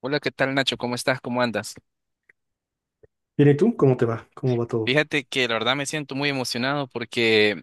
Hola, ¿qué tal Nacho? ¿Cómo estás? ¿Cómo andas? Bien, ¿y tú? ¿Cómo te va? ¿Cómo va todo? Fíjate que la verdad me siento muy emocionado porque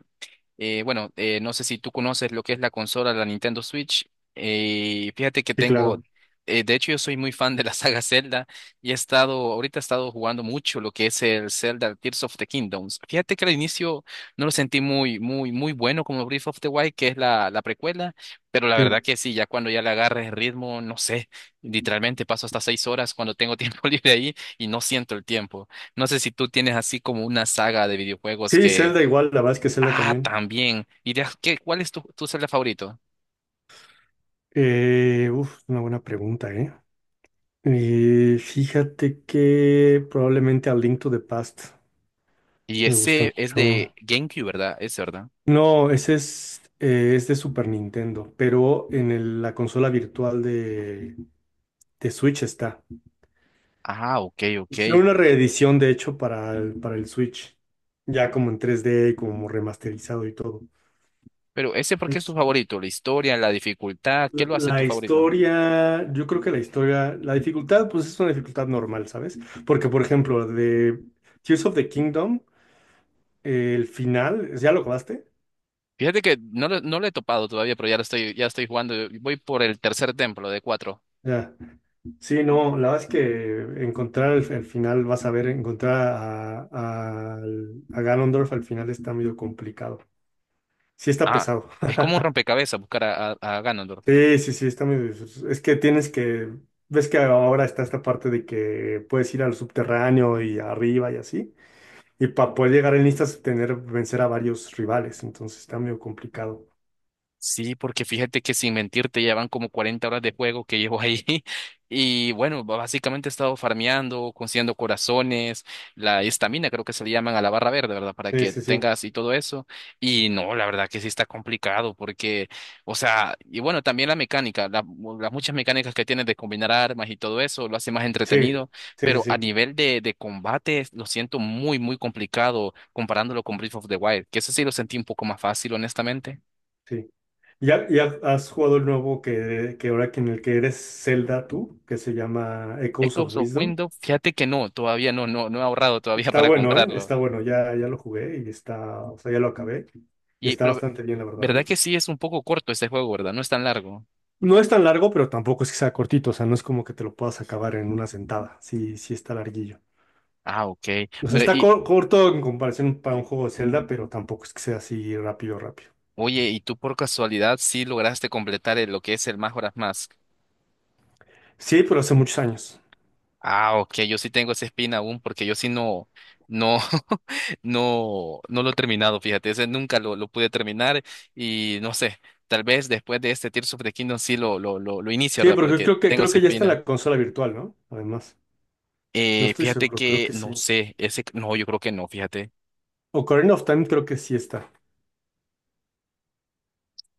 Bueno, no sé si tú conoces lo que es la consola, la Nintendo Switch. Fíjate que Sí, claro. tengo, de hecho yo soy muy fan de la saga Zelda y he estado, ahorita he estado jugando mucho lo que es el Zelda Tears of the Kingdoms. Fíjate que al inicio no lo sentí muy, muy, muy bueno como Breath of the Wild, que es la, precuela, pero la verdad Sí. que sí, ya cuando ya le agarres el ritmo, no sé, literalmente paso hasta 6 horas cuando tengo tiempo libre ahí y no siento el tiempo. No sé si tú tienes así como una saga de videojuegos. Sí, Zelda igual, la verdad es que Zelda Ah, también. también. ¿Y cuál es tu, Zelda favorito? Uf, una buena pregunta, ¿eh? Fíjate que probablemente a Link to the Past Y me gusta ese es de mucho. GameCube, ¿verdad? Ese, ¿verdad? No, ese es de Super Nintendo, pero en la consola virtual de, Switch está. Ah, ok, ok. Hicieron una reedición, de hecho, para el Switch, ya como en 3D, como remasterizado y todo. Pero ese, ¿por qué es tu Eso. favorito? ¿La historia, la dificultad? ¿Qué lo hace tu La favorito? historia, yo creo que la historia, la dificultad, pues es una dificultad normal, ¿sabes? Porque, por ejemplo, de Tears of the Kingdom, el final, ¿ya lo acabaste? Fíjate que no, no lo he topado todavía, pero ya lo estoy, ya estoy jugando. Voy por el tercer templo de cuatro. Ya. Sí, no, la verdad es que encontrar el final, vas a ver, encontrar a Ganondorf al final está medio complicado. Sí está Ah, pesado. es como un rompecabezas buscar a Ganondorf. Sí, sí, sí, está medio. Es que tienes que. Ves que ahora está esta parte de que puedes ir al subterráneo y arriba y así. Y para poder llegar en listas, tener, vencer a varios rivales, entonces está medio complicado. Sí, porque fíjate que sin mentirte ya van como 40 horas de juego que llevo ahí y bueno, básicamente he estado farmeando, consiguiendo corazones, la estamina creo que se le llaman a la barra verde, ¿verdad? Para Sí, que sí, sí. tengas y todo eso. Y no, la verdad que sí está complicado porque, o sea, y bueno, también la mecánica, las muchas mecánicas que tienes de combinar armas y todo eso lo hace más Sí, entretenido, sí, sí, pero a sí, nivel de, combate lo siento muy, muy complicado comparándolo con Breath of the Wild, que eso sí lo sentí un poco más fácil, honestamente. sí. ¿Ya has jugado el nuevo que ahora que en el que eres Zelda tú, que se llama Echoes of Microsoft Wisdom? Windows, fíjate que no, todavía no, no he ahorrado todavía Está para bueno, ¿eh? comprarlo. Está bueno, ya lo jugué y está, o sea, ya lo acabé. Y Y, está pero, bastante bien, la verdad, ¿eh? ¿Verdad que sí es un poco corto este juego, verdad? No es tan largo. No es tan largo, pero tampoco es que sea cortito, o sea, no es como que te lo puedas acabar en una sentada. Sí, sí está larguillo. Ah, ok. O sea, Pero, está y, corto en comparación para un juego de Zelda, pero tampoco es que sea así rápido, rápido. oye, ¿y tú por casualidad sí lograste completar lo que es el Majora's Mask? Sí, pero hace muchos años. Ah, ok, yo sí tengo esa espina aún porque yo sí no, no, no, lo he terminado, fíjate, ese nunca lo pude terminar y no sé, tal vez después de este Tears of the Kingdom sí lo inicio, Sí, ¿verdad? porque Porque creo que, tengo creo esa que ya está en espina. la consola virtual, ¿no? Además, no estoy Fíjate seguro, creo que que no sí. sé, ese no, yo creo que no, fíjate. Ocarina of Time creo que sí está.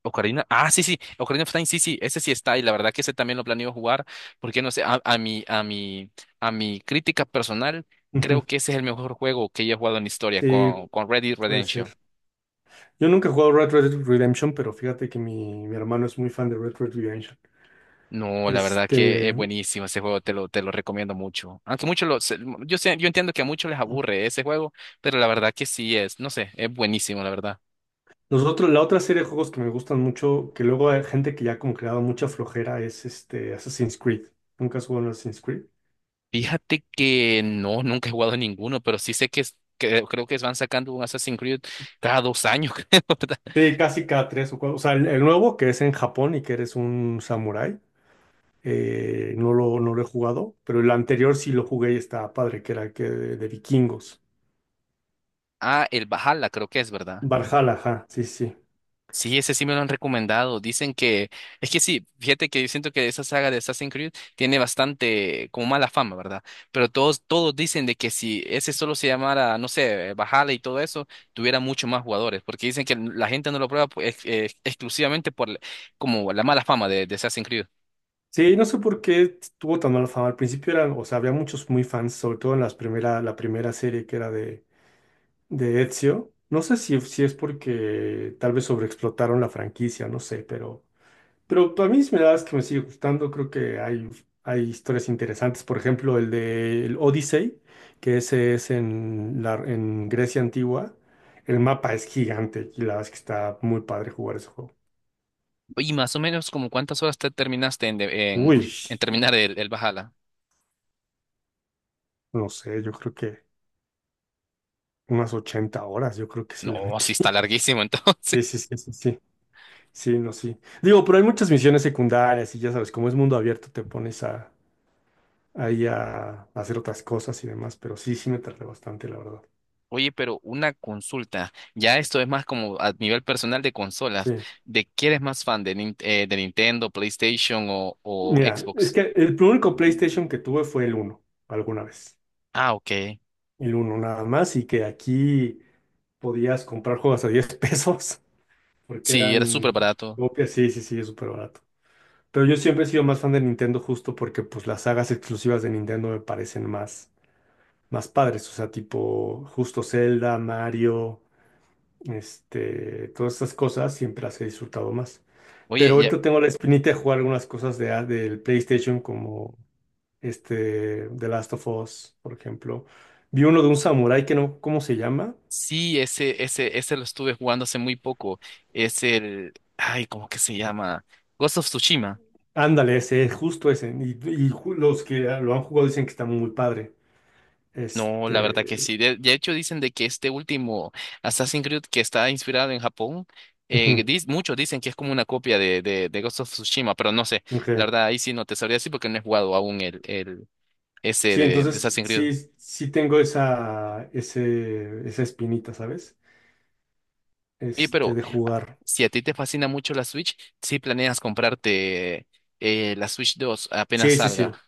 Ocarina, ah, sí, sí, Ocarina of Time, sí, sí, ese sí está, y la verdad que ese también lo planeo jugar, porque no sé, a mi crítica personal, creo Ujú. que ese es el mejor juego que he jugado en la historia Sí, con, Red Dead puede ser. Redemption. Yo nunca he jugado Red Red Redemption, pero fíjate que mi hermano es muy fan de Red Red Redemption. No, la verdad que es Este, buenísimo ese juego, te lo recomiendo mucho. Aunque yo sé, yo entiendo que a muchos les aburre ese juego, pero la verdad que sí es, no sé, es buenísimo, la verdad. nosotros, la otra serie de juegos que me gustan mucho, que luego hay gente que ya como que le ha dado mucha flojera, es este Assassin's Creed. ¿Nunca has jugado a Assassin's Creed? Fíjate que no, nunca he jugado ninguno, pero sí sé que, que creo que van sacando un Assassin's Creed cada 2 años, creo, ¿verdad? Sí, casi cada tres o cuatro. O sea, el nuevo que es en Japón y que eres un samurái, no lo he jugado, pero el anterior sí lo jugué y estaba padre, que era el que de, vikingos. Ah, el Valhalla creo que es, ¿verdad? Valhalla, ajá, sí, sí. Sí, ese sí me lo han recomendado. Dicen que, es que sí, fíjate que yo siento que esa saga de Assassin's Creed tiene bastante como mala fama, ¿verdad? Pero todos, todos dicen de que si ese solo se llamara, no sé, Valhalla y todo eso, tuviera mucho más jugadores, porque dicen que la gente no lo prueba pues, exclusivamente por como la mala fama de, Assassin's Creed. Sí, no sé por qué tuvo tan mala fama. Al principio eran, o sea, había muchos muy fans, sobre todo en las primera, la primera serie que era de, Ezio. No sé si es porque tal vez sobreexplotaron la franquicia, no sé, pero a mí sí me das que me sigue gustando, creo que hay historias interesantes, por ejemplo, el de el Odyssey, que ese es en, la, en Grecia antigua, el mapa es gigante y la verdad es que está muy padre jugar ese juego. Y más o menos como cuántas horas te terminaste en, de- en, Uy, en terminar el, Valhalla. no sé, yo creo que unas 80 horas, yo creo que sí le No, sí metí. está larguísimo entonces. Sí, sí, sí, sí, sí, sí, no, sí. Digo, pero hay muchas misiones secundarias y ya sabes, como es mundo abierto, te pones a, ahí a, hacer otras cosas y demás, pero sí, sí me tardé bastante, la verdad. Oye, pero una consulta. Ya esto es más como a nivel personal de consolas. Sí. ¿De qué eres más fan? ¿De Nintendo, PlayStation o Mira, es Xbox? que el único PlayStation que tuve fue el uno, alguna vez. Ah, ok. El uno nada más, y que aquí podías comprar juegos a 10 pesos, porque Sí, era súper eran barato. copias, sí, sí, sí, es súper barato. Pero yo siempre he sido más fan de Nintendo justo porque pues las sagas exclusivas de Nintendo me parecen más padres, o sea, tipo justo Zelda, Mario, este, todas estas cosas siempre las he disfrutado más. Pero Oye, ya, ahorita tengo la espinita de jugar algunas cosas del PlayStation como este, The Last of Us, por ejemplo. Vi uno de un samurái que no, ¿cómo se llama? sí, ese lo estuve jugando hace muy poco. Es el, ay, ¿cómo que se llama? Ghost of Tsushima. Ándale, ese, es justo ese. Y los que lo han jugado dicen que está muy padre. No, la verdad que Este, sí. De hecho, dicen de que este último Assassin's Creed que está inspirado en Japón, ujú, muchos dicen que es como una copia de, de Ghost of Tsushima, pero no sé. La ok. verdad, ahí sí no te sabría decir porque no he jugado aún el, ese Sí, de, entonces Assassin's Creed. sí, sí tengo esa espinita, ¿sabes? Y Este, pero de a- jugar. si a ti te fascina mucho la Switch, sí planeas comprarte la Switch 2 apenas Sí, sí, sí. salga.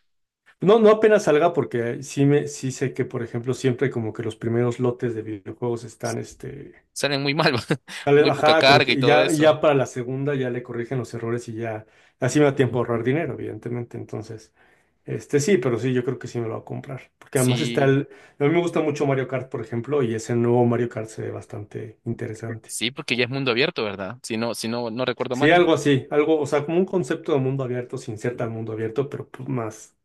No, no apenas salga porque sí, sí sé que, por ejemplo, siempre como que los primeros lotes de videojuegos S- están, este, Salen muy mal, tal vez, muy poca ajá, como carga y que todo ya, eso. ya para la segunda ya le corrigen los errores y ya así me da tiempo a ahorrar dinero, evidentemente. Entonces, este sí, pero sí, yo creo que sí me lo voy a comprar. Porque además está Sí, el. A mí me gusta mucho Mario Kart, por ejemplo, y ese nuevo Mario Kart se ve bastante interesante. sí, porque ya es mundo abierto, ¿verdad? Si no, si no, no recuerdo Sí, mal. algo así, algo, o sea, como un concepto de mundo abierto sin ser tan mundo abierto, pero pues, más.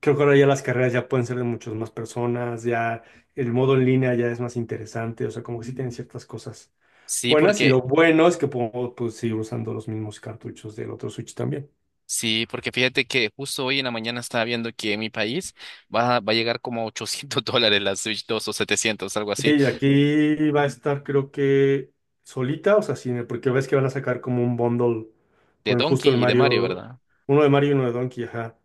Creo que ahora ya las carreras ya pueden ser de muchas más personas, ya el modo en línea ya es más interesante, o sea, como que sí tienen ciertas cosas Sí, buenas y lo porque bueno es que puedo pues, seguir usando los mismos cartuchos del otro Switch también. Sí, porque fíjate que justo hoy en la mañana estaba viendo que en mi país va a llegar como a 800 dólares la Switch 2 o 700 algo así, Y aquí va a estar creo que solita, o sea, sí, porque ves que van a sacar como un bundle de con justo el Donkey y de Mario, Mario, ¿verdad? uno de Mario y uno de Donkey, ajá.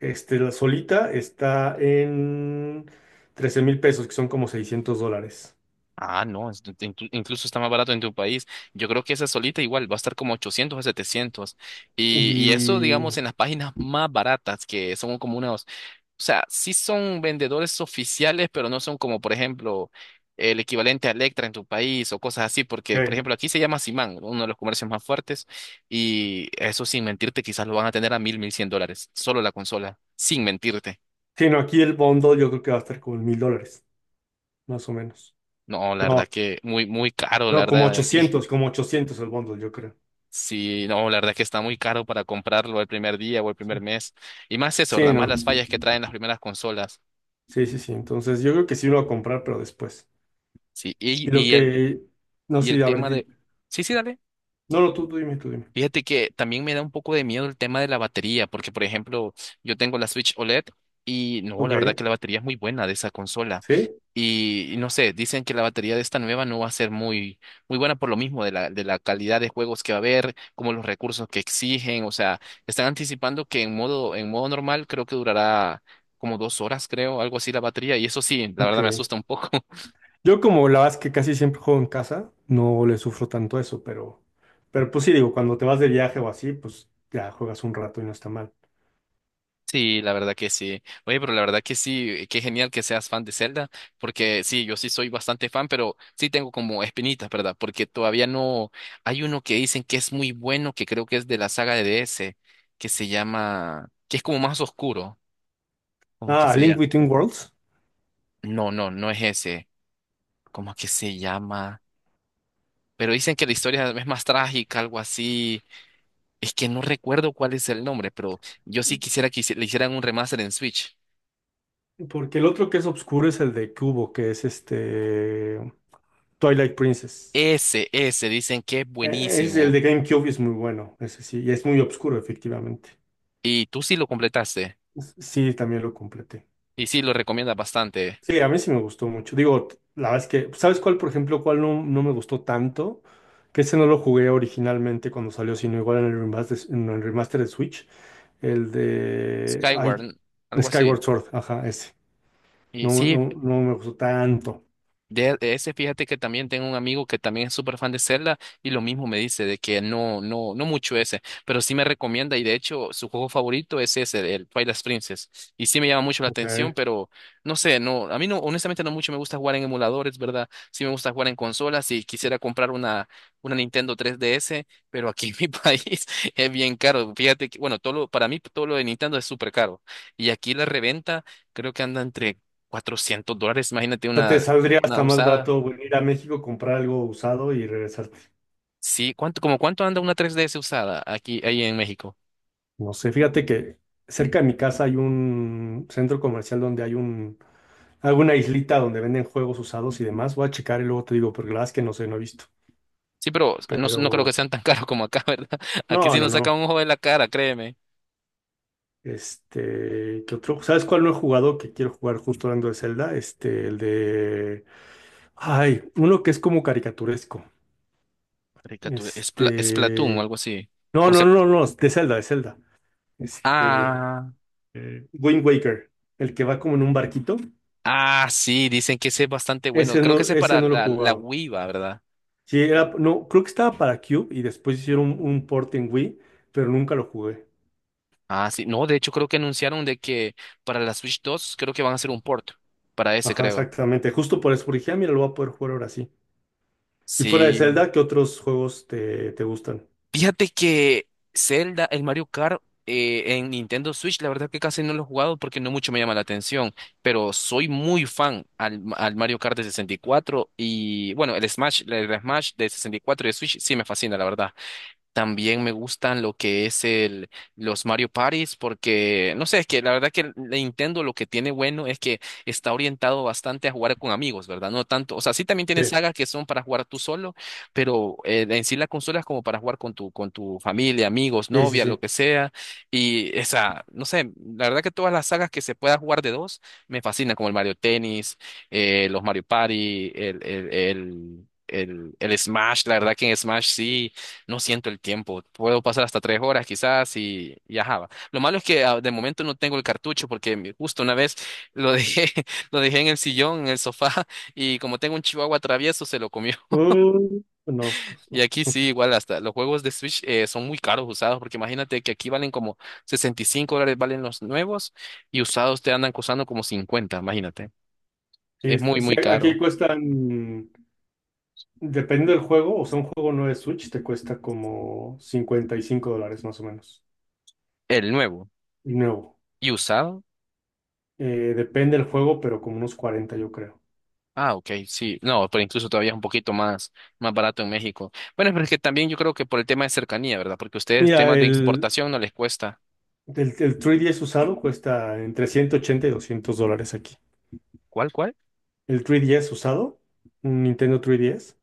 Este, la solita está en 13,000 pesos, que son como 600 dólares. Ah, no, incluso está más barato en tu país. Yo creo que esa solita igual va a estar como 800 a 700. Y eso, Y. digamos, en las páginas más baratas, que son como unas. O sea, sí son vendedores oficiales, pero no son como, por ejemplo, el equivalente a Electra en tu país o cosas así, porque, por ¿Qué? ejemplo, aquí se llama Simán, uno de los comercios más fuertes, y eso sin mentirte, quizás lo van a tener a mil, mil cien dólares, solo la consola, sin mentirte. Sí, no, aquí el bundle yo creo que va a estar como en 1,000 dólares, más o menos. No, la No, verdad que muy, muy caro, la no, como verdad, aquí. ochocientos el bundle, yo creo. Sí, no, la verdad que está muy caro para comprarlo el primer día o el Sí. primer mes. Y más eso, Sí, ¿verdad? Más no. las fallas que traen las primeras consolas. Sí, sí, sí. Entonces, yo creo que sí lo voy a comprar, pero después. Sí, Y lo y el, que, no y sí, el a ver, tema de... Sí, sí, dale. no, no, tú dime, tú dime. Fíjate que también me da un poco de miedo el tema de la batería, porque por ejemplo, yo tengo la Switch OLED y no, la Ok, verdad que la batería es muy buena de esa consola. sí, Y no sé, dicen que la batería de esta nueva no va a ser muy, muy buena por lo mismo de la, calidad de juegos que va a haber, como los recursos que exigen. O sea, están anticipando que en modo, normal creo que durará como 2 horas, creo, algo así la batería. Y eso sí, la verdad me ok. asusta un poco. Yo como la verdad es que casi siempre juego en casa, no le sufro tanto eso, pero, pues sí, digo, cuando te vas de viaje o así, pues ya juegas un rato y no está mal. Sí, la verdad que sí. Oye, pero la verdad que sí, qué genial que seas fan de Zelda, porque sí, yo sí soy bastante fan, pero sí tengo como espinitas, ¿verdad? Porque todavía no hay uno que dicen que es muy bueno, que creo que es de la saga de DS, que se llama, que es como más oscuro, como que Ah, se Link llama. Between Worlds, No, no, no es ese, como que se llama, pero dicen que la historia es más trágica, algo así. Es que no recuerdo cuál es el nombre, pero yo sí quisiera que le hicieran un remaster en Switch. porque el otro que es oscuro es el de Cubo, que es este Twilight Princess. Ese, dicen que es Es el buenísimo. de GameCube y es muy bueno, ese sí, y es muy oscuro, efectivamente. Y tú sí lo completaste. Sí, también lo completé. Y sí lo recomiendas bastante. Sí, a mí sí me gustó mucho. Digo, la verdad es que, ¿sabes cuál, por ejemplo, cuál no, me gustó tanto? Que ese no lo jugué originalmente cuando salió, sino igual en el remaster de Switch. El de. Ay, Skyward, algo así. Skyward Sword, ajá, ese. Y No, sí, no, no me gustó tanto. de ese, fíjate que también tengo un amigo que también es súper fan de Zelda y lo mismo me dice de que no, no mucho ese, pero sí me recomienda y de hecho su juego favorito es ese, el Twilight Princess. Y sí me llama mucho la Ok. atención, pero no sé, no, a mí no, honestamente no mucho me gusta jugar en emuladores, ¿verdad? Sí me gusta jugar en consolas y quisiera comprar una, Nintendo 3DS, pero aquí en mi país es bien caro. Fíjate que, bueno, para mí todo lo de Nintendo es súper caro y aquí la reventa creo que anda entre 400 dólares, imagínate O sea, te una saldría hasta más usada. barato venir a México, comprar algo usado y regresar. Sí, ¿cuánto, como cuánto anda una 3DS usada aquí, ahí en México? No sé, fíjate que cerca de mi casa hay un centro comercial donde hay un, alguna islita donde venden juegos usados y demás. Voy a checar y luego te digo, porque la verdad es que no sé, no he visto. Sí, pero no, no creo que Pero, sean tan caros como acá, ¿verdad? Aquí no, sí no, nos saca no. un ojo de la cara, créeme. Este, ¿qué otro? ¿Sabes cuál no he jugado que quiero jugar justo hablando de Zelda? Este, el de. Ay, uno que es como caricaturesco. Caricatura, es Splatoon o Este. algo así. No, O no, sea, no, no, de Zelda, de Zelda. Este, ah, Wind Waker, el que va como en un barquito. Sí, dicen que ese es bastante bueno. Creo que ese es Ese para no lo he la jugado. Wii, va, ¿verdad? Sí, era, no, creo que estaba para Cube y después hicieron un port en Wii, pero nunca lo jugué. Ah, sí. No, de hecho creo que anunciaron de que para la Switch 2 creo que van a hacer un port para ese, Ajá, creo. exactamente. Justo por eso porque dije, "Ah, mira, lo voy a poder jugar ahora sí". Y fuera de Sí. Zelda, ¿qué otros juegos te gustan? Fíjate que Zelda, el Mario Kart en Nintendo Switch, la verdad que casi no lo he jugado porque no mucho me llama la atención, pero soy muy fan al Mario Kart de 64 y bueno, el Smash de 64 y cuatro y de Switch sí me fascina, la verdad. También me gustan lo que es los Mario Parties porque, no sé, es que la verdad que el Nintendo lo que tiene bueno es que está orientado bastante a jugar con amigos, ¿verdad? No tanto, o sea, sí también tiene Sí, sagas que son para jugar tú solo, pero en sí la consola es como para jugar con tu familia, amigos, sí, sí, novia, lo sí. que sea. Y esa, no sé, la verdad que todas las sagas que se pueda jugar de dos me fascinan, como el Mario Tennis, los Mario Party, el Smash, la verdad que en Smash sí. No siento el tiempo. Puedo pasar hasta 3 horas quizás y ajá. Va. Lo malo es que de momento no tengo el cartucho porque justo una vez lo dejé, lo dejé en el sillón, en el sofá y como tengo un chihuahua travieso se lo comió. No, pues Y no. aquí sí, igual hasta los juegos de Switch son muy caros usados porque imagínate que aquí valen como $65 valen los nuevos y usados te andan costando como 50, imagínate. Sí, Es muy, muy aquí caro. cuestan, dependiendo del juego, o sea, un juego no de Switch te cuesta como 55 dólares más o menos. El nuevo. Y nuevo. ¿Y usado? Depende del juego, pero como unos 40 yo creo. Ah, ok, sí, no, pero incluso todavía es un poquito más barato en México. Bueno, pero es que también yo creo que por el tema de cercanía, ¿verdad? Porque ustedes Mira, temas de el, exportación no les cuesta. El, el 3DS usado cuesta entre 180 y 200 dólares aquí. ¿Cuál, cuál? El 3DS usado, un Nintendo 3DS,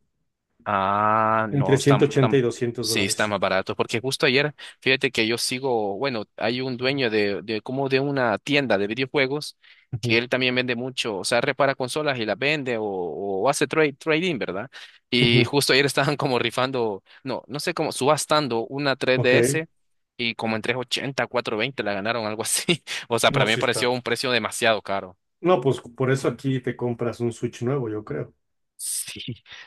Ah, no, entre ciento ochenta y 200 sí, está dólares. más barato, porque justo ayer, fíjate que yo sigo, bueno, hay un dueño de como de una tienda de videojuegos que Ujú, él también vende mucho, o sea, repara consolas y las vende o hace trade, trading, ¿verdad? Y ujú, justo ayer estaban como rifando, no, no sé cómo, subastando una ok, 3DS y como en 380, 20 la ganaron, algo así. O sea, para no, mí me sí pareció está. un precio demasiado caro. No, pues por eso aquí te compras un Switch nuevo, yo creo. Sí,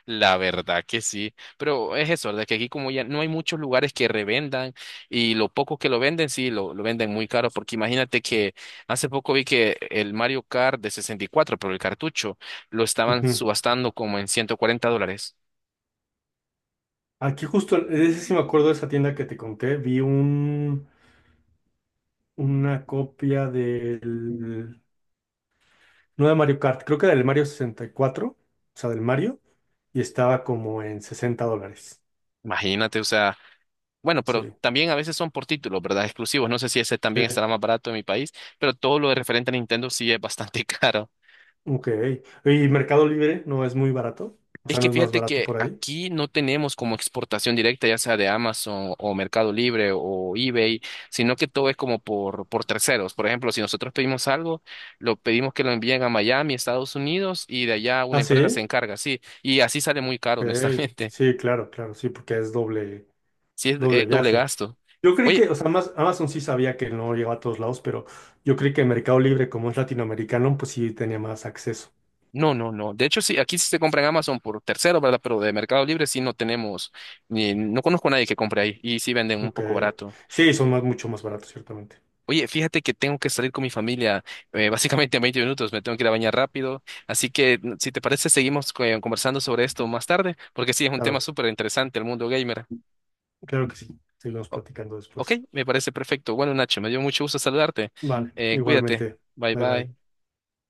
la verdad que sí, pero es eso, de que aquí como ya no hay muchos lugares que revendan y lo poco que lo venden, sí, lo venden muy caro, porque imagínate que hace poco vi que el Mario Kart de 64 pero el cartucho, lo estaban Ujú. subastando como en $140. Aquí justo, ese sí me acuerdo de esa tienda que te conté, vi un, una copia del, no de Mario Kart, creo que del Mario 64, o sea, del Mario, y estaba como en 60 dólares. Imagínate, o sea, bueno, pero Sí. también a veces son por títulos, ¿verdad? Exclusivos, no sé si ese Sí. también estará más barato en mi país, pero todo lo de referente a Nintendo sí es bastante caro. Ok. ¿Y Mercado Libre no es muy barato? O Es sea, que no es más fíjate barato que por ahí. aquí no tenemos como exportación directa, ya sea de Amazon o Mercado Libre o eBay, sino que todo es como por terceros. Por ejemplo, si nosotros pedimos algo, lo pedimos que lo envíen a Miami, Estados Unidos, y de allá una ¿Ah, empresa se sí? encarga, sí. Y así sale muy caro, Ok. honestamente. Sí, claro, claro, sí, porque es doble, Sí, es doble doble viaje. gasto. Yo creí que, Oye, o sea, Amazon sí sabía que no llegaba a todos lados, pero yo creí que Mercado Libre, como es latinoamericano, pues sí tenía más acceso. no, no, no. De hecho, sí, aquí sí se compra en Amazon por terceros, ¿verdad? Pero de Mercado Libre sí no tenemos, ni, no conozco a nadie que compre ahí y sí venden un Ok. poco barato. Sí, son mucho más baratos, ciertamente. Oye, fíjate que tengo que salir con mi familia, básicamente en 20 minutos, me tengo que ir a bañar rápido, así que si te parece seguimos conversando sobre esto más tarde, porque sí, es un tema Claro, súper interesante el mundo gamer. claro que sí. Seguimos O- platicando ok, después. me parece perfecto. Bueno, Nacho, me dio mucho gusto saludarte. Vale, Cuídate. igualmente. Bye Bye bye. bye.